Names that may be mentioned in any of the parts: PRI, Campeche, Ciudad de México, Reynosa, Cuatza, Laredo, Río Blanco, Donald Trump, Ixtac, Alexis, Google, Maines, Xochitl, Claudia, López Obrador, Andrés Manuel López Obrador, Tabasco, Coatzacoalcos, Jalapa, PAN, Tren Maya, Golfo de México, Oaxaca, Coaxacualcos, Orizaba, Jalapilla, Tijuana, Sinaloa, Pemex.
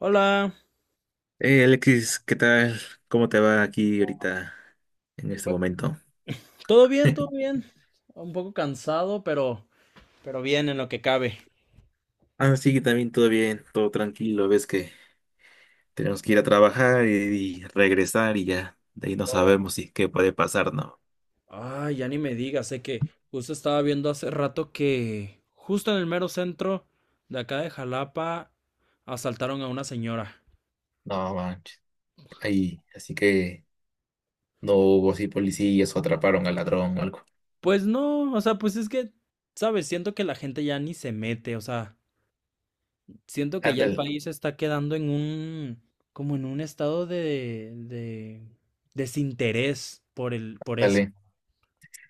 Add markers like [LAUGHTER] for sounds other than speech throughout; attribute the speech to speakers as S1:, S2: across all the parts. S1: Hola,
S2: Hey Alexis, ¿qué tal? ¿Cómo te va aquí ahorita en este momento?
S1: ¿todo bien? ¿Todo
S2: [LAUGHS]
S1: bien? Un poco cansado, pero bien en lo que cabe.
S2: Ah, sí, también todo bien, todo tranquilo. Ves que tenemos que ir a trabajar y regresar y ya. De ahí no sabemos si qué puede pasar, ¿no?
S1: Ay, ya ni me digas, sé que justo estaba viendo hace rato que justo en el mero centro de acá de Jalapa asaltaron a una señora.
S2: No manches. Ahí, así que no hubo así policías o atraparon al ladrón o algo.
S1: Pues no, o sea, pues es que, sabes, siento que la gente ya ni se mete, o sea, siento que ya el
S2: Ándale,
S1: país está quedando en un, como en un estado de desinterés por por eso.
S2: dale.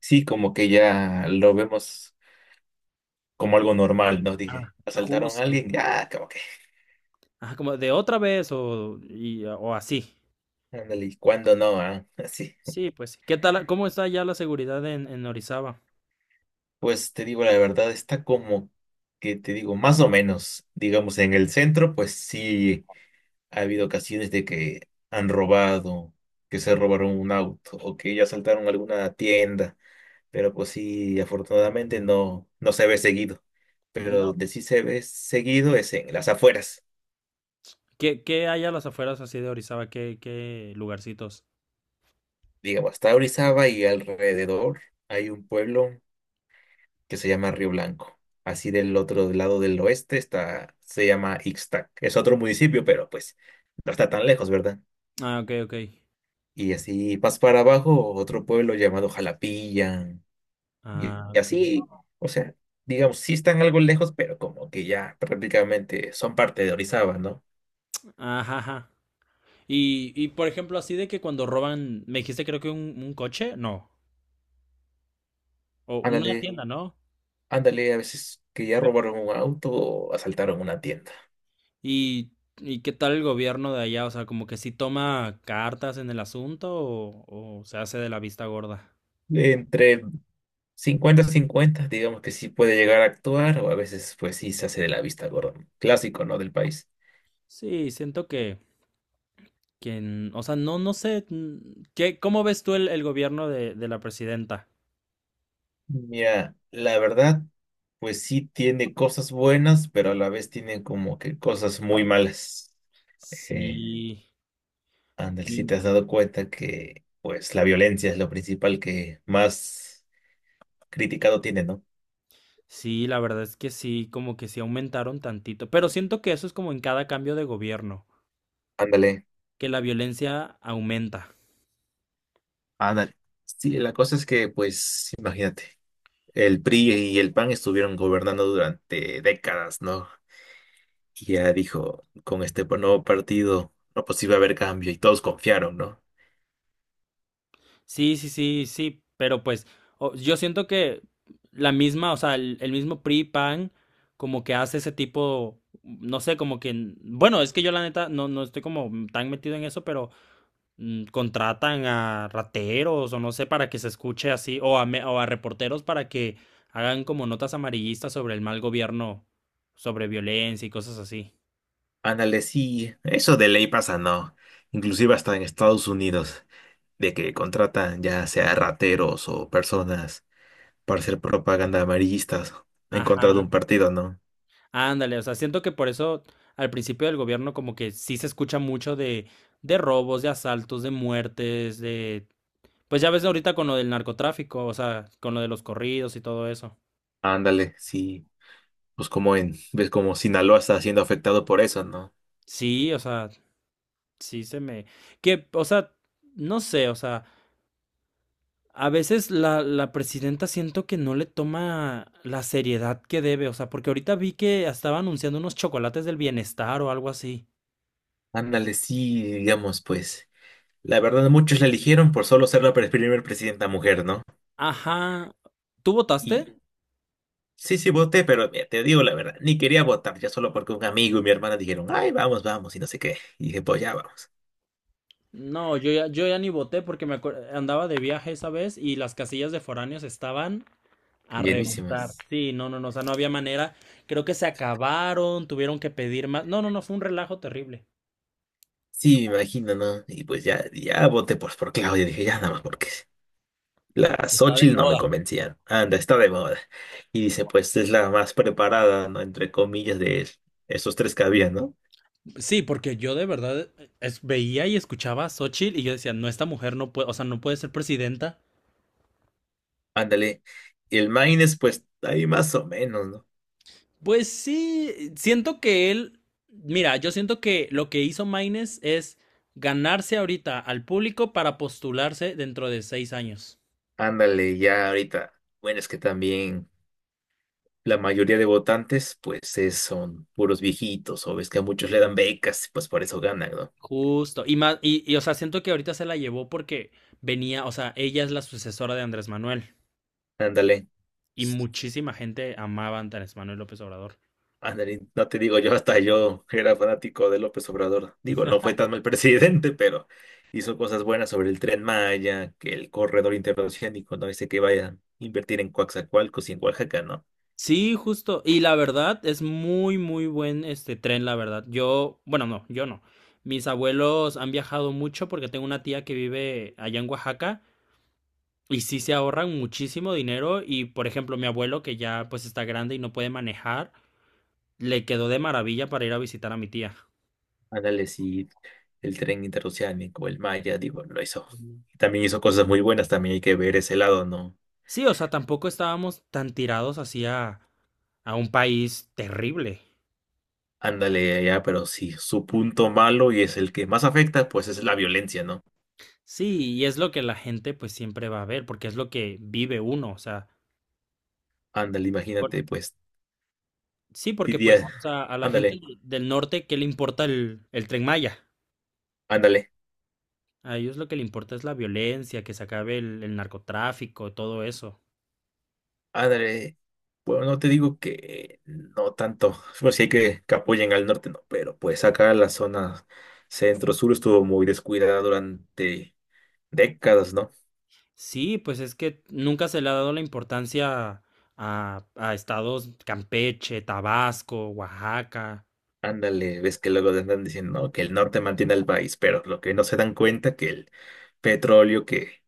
S2: Sí, como que ya lo vemos como algo normal, ¿no?
S1: Ah,
S2: Dije, asaltaron a
S1: justo.
S2: alguien, ya, como que.
S1: Ajá, como de otra vez o, y, o así.
S2: Ándale, ¿y cuándo no? ¿Ah? [LAUGHS] Así.
S1: Sí, pues sí. ¿Qué tal? ¿Cómo está ya la seguridad en Orizaba?
S2: Pues te digo la verdad, está como que te digo, más o menos, digamos, en el centro, pues sí ha habido ocasiones de que han robado, que se robaron un auto o que ya asaltaron alguna tienda, pero pues sí, afortunadamente no, no se ve seguido. Pero
S1: No,
S2: donde sí
S1: pues.
S2: se ve seguido es en las afueras.
S1: ¿Qué, qué hay a las afueras así de Orizaba? ¿Qué, qué lugarcitos?
S2: Digamos, hasta Orizaba y alrededor hay un pueblo que se llama Río Blanco. Así del otro lado del oeste está, se llama Ixtac. Es otro municipio, pero pues no está tan lejos, ¿verdad?
S1: Ah, ok, ok.
S2: Y así vas para abajo, otro pueblo llamado Jalapilla.
S1: Ah,
S2: Y
S1: ok.
S2: así, o sea, digamos, sí están algo lejos, pero como que ya prácticamente son parte de Orizaba, ¿no?
S1: Ajá, ajá. Y por ejemplo, así de que cuando roban, me dijiste creo que un coche, no. O una
S2: Ándale,
S1: tienda, ¿no?
S2: ándale, a veces que ya
S1: Pero-
S2: robaron un auto o asaltaron una tienda.
S1: ¿Y, y qué tal el gobierno de allá? O sea, como que sí toma cartas en el asunto o se hace de la vista gorda.
S2: Entre 50-50 digamos que sí puede llegar a actuar o a veces pues sí se hace de la vista gorda. Clásico, ¿no? Del país.
S1: Sí, siento que quien, o sea, no, no sé, ¿qué, cómo ves tú el gobierno de la presidenta?
S2: Mira, la verdad, pues sí tiene cosas buenas, pero a la vez tiene como que cosas muy malas. Eh,
S1: Sí,
S2: Andel, si te
S1: mm,
S2: has dado cuenta que pues la violencia es lo principal que más criticado tiene, ¿no?
S1: sí, la verdad es que sí, como que sí aumentaron tantito, pero siento que eso es como en cada cambio de gobierno,
S2: Ándale.
S1: que la violencia aumenta.
S2: Ándale. Sí, la cosa es que pues imagínate, el PRI y el PAN estuvieron gobernando durante décadas, ¿no? Y ya dijo, con este nuevo partido, no, pues iba a haber cambio y todos confiaron, ¿no?
S1: Sí, sí, sí, sí, pero pues o- yo siento que la misma, o sea, el mismo PRI, PAN, como que hace ese tipo, no sé, como que, bueno, es que yo la neta no, no estoy como tan metido en eso, pero... contratan a rateros o no sé para que se escuche así, o a, me- o a reporteros para que hagan como notas amarillistas sobre el mal gobierno, sobre violencia y cosas así.
S2: Ándale, sí, eso de ley pasa, ¿no? Inclusive hasta en Estados Unidos, de que contratan ya sea rateros o personas para hacer propaganda amarillistas en
S1: Ajá,
S2: contra de un partido, ¿no?
S1: ándale, o sea, siento que por eso al principio del gobierno como que sí se escucha mucho de robos, de asaltos, de muertes, de... Pues ya ves ahorita con lo del narcotráfico, o sea, con lo de los corridos y todo eso.
S2: Ándale, sí, pues como en, ves como Sinaloa está siendo afectado por eso, ¿no?
S1: Sí, o sea, sí se me... Que, o sea, no sé, o sea... A veces la presidenta siento que no le toma la seriedad que debe, o sea, porque ahorita vi que estaba anunciando unos chocolates del bienestar o algo así.
S2: Ándale, sí, digamos, pues, la verdad muchos la eligieron por solo ser la primer presidenta mujer, ¿no?
S1: Ajá. ¿Tú
S2: Y
S1: votaste?
S2: sí, sí, voté, pero mira, te digo la verdad, ni quería votar, ya solo porque un amigo y mi hermana dijeron, ay, vamos, vamos, y no sé qué. Y dije, pues ya vamos.
S1: No, yo ya ni voté porque me acuer- andaba de viaje esa vez y las casillas de foráneos estaban a reventar.
S2: Llenísimas.
S1: Sí, no, no, no, o sea, no había manera. Creo que se acabaron, tuvieron que pedir más. No, no, no, fue un relajo terrible.
S2: Sí, me imagino, ¿no? Y pues ya, ya voté por Claudia, dije, ya nada más porque la
S1: Porque está de
S2: Xochitl no me
S1: moda.
S2: convencían. Anda, está de moda. Y dice, pues es la más preparada, ¿no? Entre comillas, de esos tres que había, ¿no?
S1: Sí, porque yo de verdad es- veía y escuchaba a Xochitl y yo decía, no, esta mujer no puede, o sea, no puede ser presidenta.
S2: Ándale. Y el Maines, pues ahí más o menos, ¿no?
S1: Pues sí, siento que él, mira, yo siento que lo que hizo Maines es ganarse ahorita al público para postularse dentro de 6 años.
S2: Ándale, ya ahorita. Bueno, es que también la mayoría de votantes, pues son puros viejitos, o ves que a muchos le dan becas, pues por eso ganan, ¿no?
S1: Justo. Y más, y, o sea, siento que ahorita se la llevó porque venía, o sea, ella es la sucesora de Andrés Manuel
S2: Ándale,
S1: y muchísima gente amaba a Andrés Manuel López Obrador.
S2: ándale, no te digo yo, hasta yo era fanático de López Obrador. Digo, no fue tan mal [LAUGHS] presidente, pero hizo cosas buenas sobre el Tren Maya, que el corredor interoceánico, no dice que vaya a invertir en Coaxacualcos y en Oaxaca, ¿no?
S1: Sí, justo. Y la verdad, es muy, muy buen este tren, la verdad. Yo, bueno, no, yo no. Mis abuelos han viajado mucho porque tengo una tía que vive allá en Oaxaca y sí se ahorran muchísimo dinero. Y, por ejemplo, mi abuelo, que ya pues está grande y no puede manejar, le quedó de maravilla para ir a visitar a mi tía.
S2: Ándale, sí, el tren interoceánico, el Maya, digo, lo hizo.
S1: Ujú.
S2: También hizo cosas muy buenas, también hay que ver ese lado, ¿no?
S1: Sí, o sea, tampoco estábamos tan tirados hacia a un país terrible.
S2: Ándale, ya, pero si su punto malo y es el que más afecta, pues es la violencia, ¿no?
S1: Sí, y es lo que la gente pues siempre va a ver, porque es lo que vive uno, o sea.
S2: Ándale,
S1: Por-
S2: imagínate, pues,
S1: sí, porque pues,
S2: diría,
S1: o sea, a la gente
S2: ándale,
S1: del norte, ¿qué le importa el Tren Maya?
S2: ándale,
S1: A ellos lo que le importa es la violencia, que se acabe el narcotráfico, todo eso.
S2: ándale. Bueno, no te digo que no tanto. Pues sí hay que apoyen al norte, no, pero pues acá la zona centro-sur estuvo muy descuidada durante décadas, ¿no?
S1: Sí, pues es que nunca se le ha dado la importancia a estados Campeche, Tabasco, Oaxaca,
S2: Ándale, ves que luego andan diciendo, no, que el norte mantiene al país, pero lo que no se dan cuenta que el petróleo que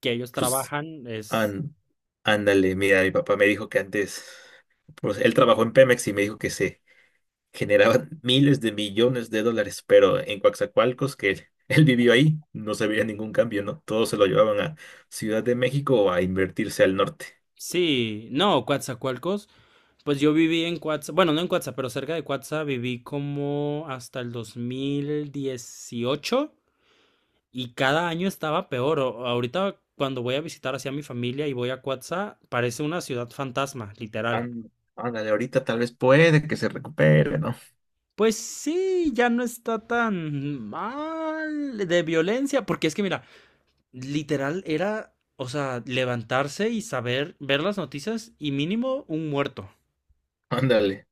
S1: que ellos
S2: pues
S1: trabajan, es...
S2: An- ándale, mira, mi papá me dijo que antes, pues él trabajó en Pemex y me dijo que se generaban [LAUGHS] miles de millones de dólares, pero en Coatzacoalcos, que él, [LAUGHS] él vivió ahí, no se veía ningún cambio, ¿no? Todos se lo llevaban a Ciudad de México o a invertirse al norte.
S1: Sí, no, Coatzacoalcos, pues yo viví en Coatzacoalcos, bueno, no en Coatzacoalcos, pero cerca de Coatzacoalcos viví como hasta el 2018. Y cada año estaba peor. O- ahorita cuando voy a visitar hacia mi familia y voy a Cuatza, parece una ciudad fantasma, literal.
S2: Án- ándale, ahorita tal vez puede que se recupere, ¿no?
S1: Pues sí, ya no está tan mal de violencia, porque es que mira, literal era, o sea, levantarse y saber, ver las noticias y mínimo un muerto.
S2: Ándale,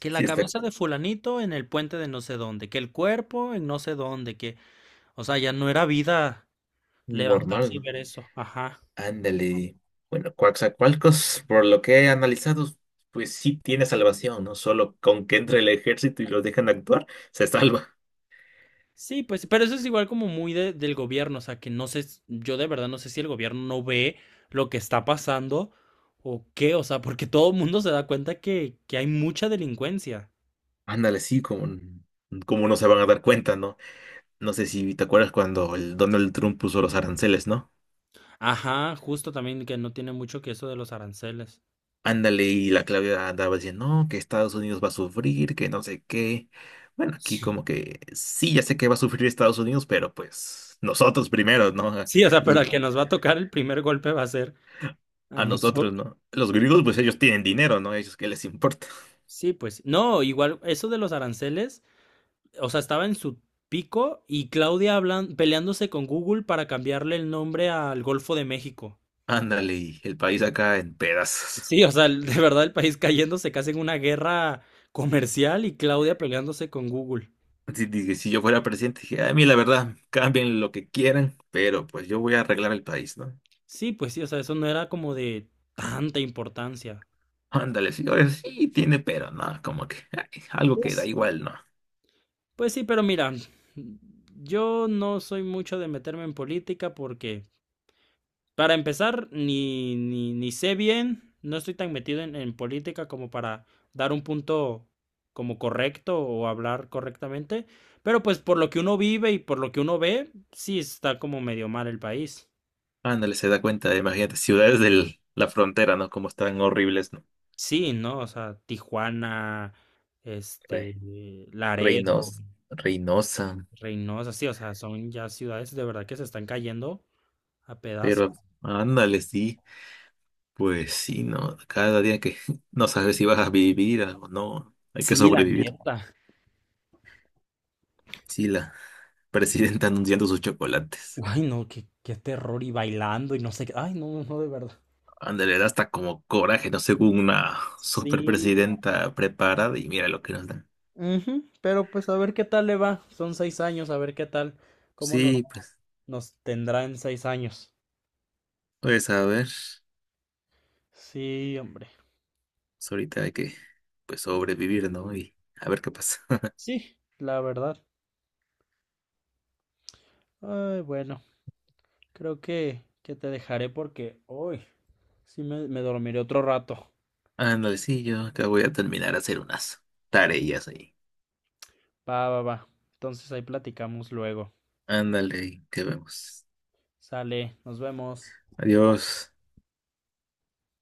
S1: Que la
S2: sí está
S1: cabeza de fulanito en el puente de no sé dónde, que el cuerpo en no sé dónde, que, o sea, ya no era vida
S2: normal,
S1: levantarse y
S2: ¿no?
S1: ver eso. Ajá.
S2: Ándale. Bueno, Coaxacualcos, por lo que he analizado, pues sí tiene salvación, ¿no? Solo con que entre el ejército y los dejan actuar, se salva.
S1: Sí, pues, pero eso es igual como muy de- del gobierno, o sea, que no sé, s- yo de verdad no sé si el gobierno no ve lo que está pasando o qué, o sea, porque todo el mundo se da cuenta que hay mucha delincuencia.
S2: Ándale, sí, como, como no se van a dar cuenta, ¿no? No sé si te acuerdas cuando el Donald Trump puso los aranceles, ¿no?
S1: Ajá, justo también que no tiene mucho que eso de los aranceles.
S2: Ándale, y la Claudia andaba diciendo, no, que Estados Unidos va a sufrir, que no sé qué. Bueno, aquí
S1: Sí,
S2: como que sí, ya sé que va a sufrir Estados Unidos, pero pues nosotros primero, ¿no?
S1: sí, o sea, pero
S2: Los
S1: al que nos va a [LAUGHS] tocar el primer golpe va a ser a
S2: a nosotros,
S1: nosotros.
S2: ¿no? Los griegos, pues ellos tienen dinero, ¿no? Ellos, ¿qué les importa?
S1: Sí, pues, no, igual eso de los aranceles, o sea, estaba en su pico y Claudia hablan, peleándose con Google para cambiarle el nombre al Golfo de México.
S2: [LAUGHS] Ándale, y el país acá en pedazos.
S1: Sí, o sea, el- de verdad el país cayéndose casi en una guerra comercial y Claudia peleándose con Google.
S2: Así dije, si yo fuera presidente, dije, "Ah, a mí la verdad, cambien lo que quieran, pero pues yo voy a arreglar el país, ¿no?
S1: Sí, pues sí, o sea, eso no era como de tanta importancia.
S2: Ándale, señores, sí tiene, pero no, como que ay, algo que da
S1: Pues,
S2: igual, ¿no?
S1: pues sí, pero mira, yo no soy mucho de meterme en política porque, para empezar, ni, ni, ni sé bien, no estoy tan metido en política como para dar un punto como correcto o hablar correctamente, pero pues por lo que uno vive y por lo que uno ve, sí está como medio mal el país.
S2: Ándale, se da cuenta, imagínate, ciudades de la frontera, ¿no? Como están horribles, ¿no?
S1: Sí, ¿no? O sea, Tijuana,
S2: Re-
S1: este, Laredo,
S2: Reinos, Reynosa,
S1: Reynosa, sí, o sea, son ya ciudades de verdad que se están cayendo a pedazos.
S2: pero ándale, sí. Pues sí, ¿no? Cada día que [LAUGHS] no sabes si vas a vivir o no, hay que
S1: Sí, la
S2: sobrevivir.
S1: neta.
S2: Sí, la [LAUGHS] presidenta anunciando sus chocolates.
S1: Ay, no, qué, qué terror y bailando y no sé qué. Ay, no, no, no, de verdad.
S2: Ándale, da hasta como coraje, ¿no? Según una
S1: Sí.
S2: superpresidenta preparada y mira lo que nos dan.
S1: Ujú, pero pues a ver qué tal le va. Son 6 años, a ver qué tal, cómo nos,
S2: Sí, pues,
S1: nos tendrá en 6 años.
S2: pues a ver,
S1: Sí, hombre.
S2: pues ahorita hay que pues sobrevivir, ¿no? Y a ver qué pasa. [LAUGHS]
S1: Sí, la verdad. Ay, bueno, creo que te dejaré porque hoy sí, me dormiré otro rato.
S2: Ándale, sí, yo acá voy a terminar a hacer unas tareas ahí.
S1: Va, va, va. Entonces ahí platicamos luego.
S2: Ándale, que vemos.
S1: Sale, nos vemos.
S2: Adiós.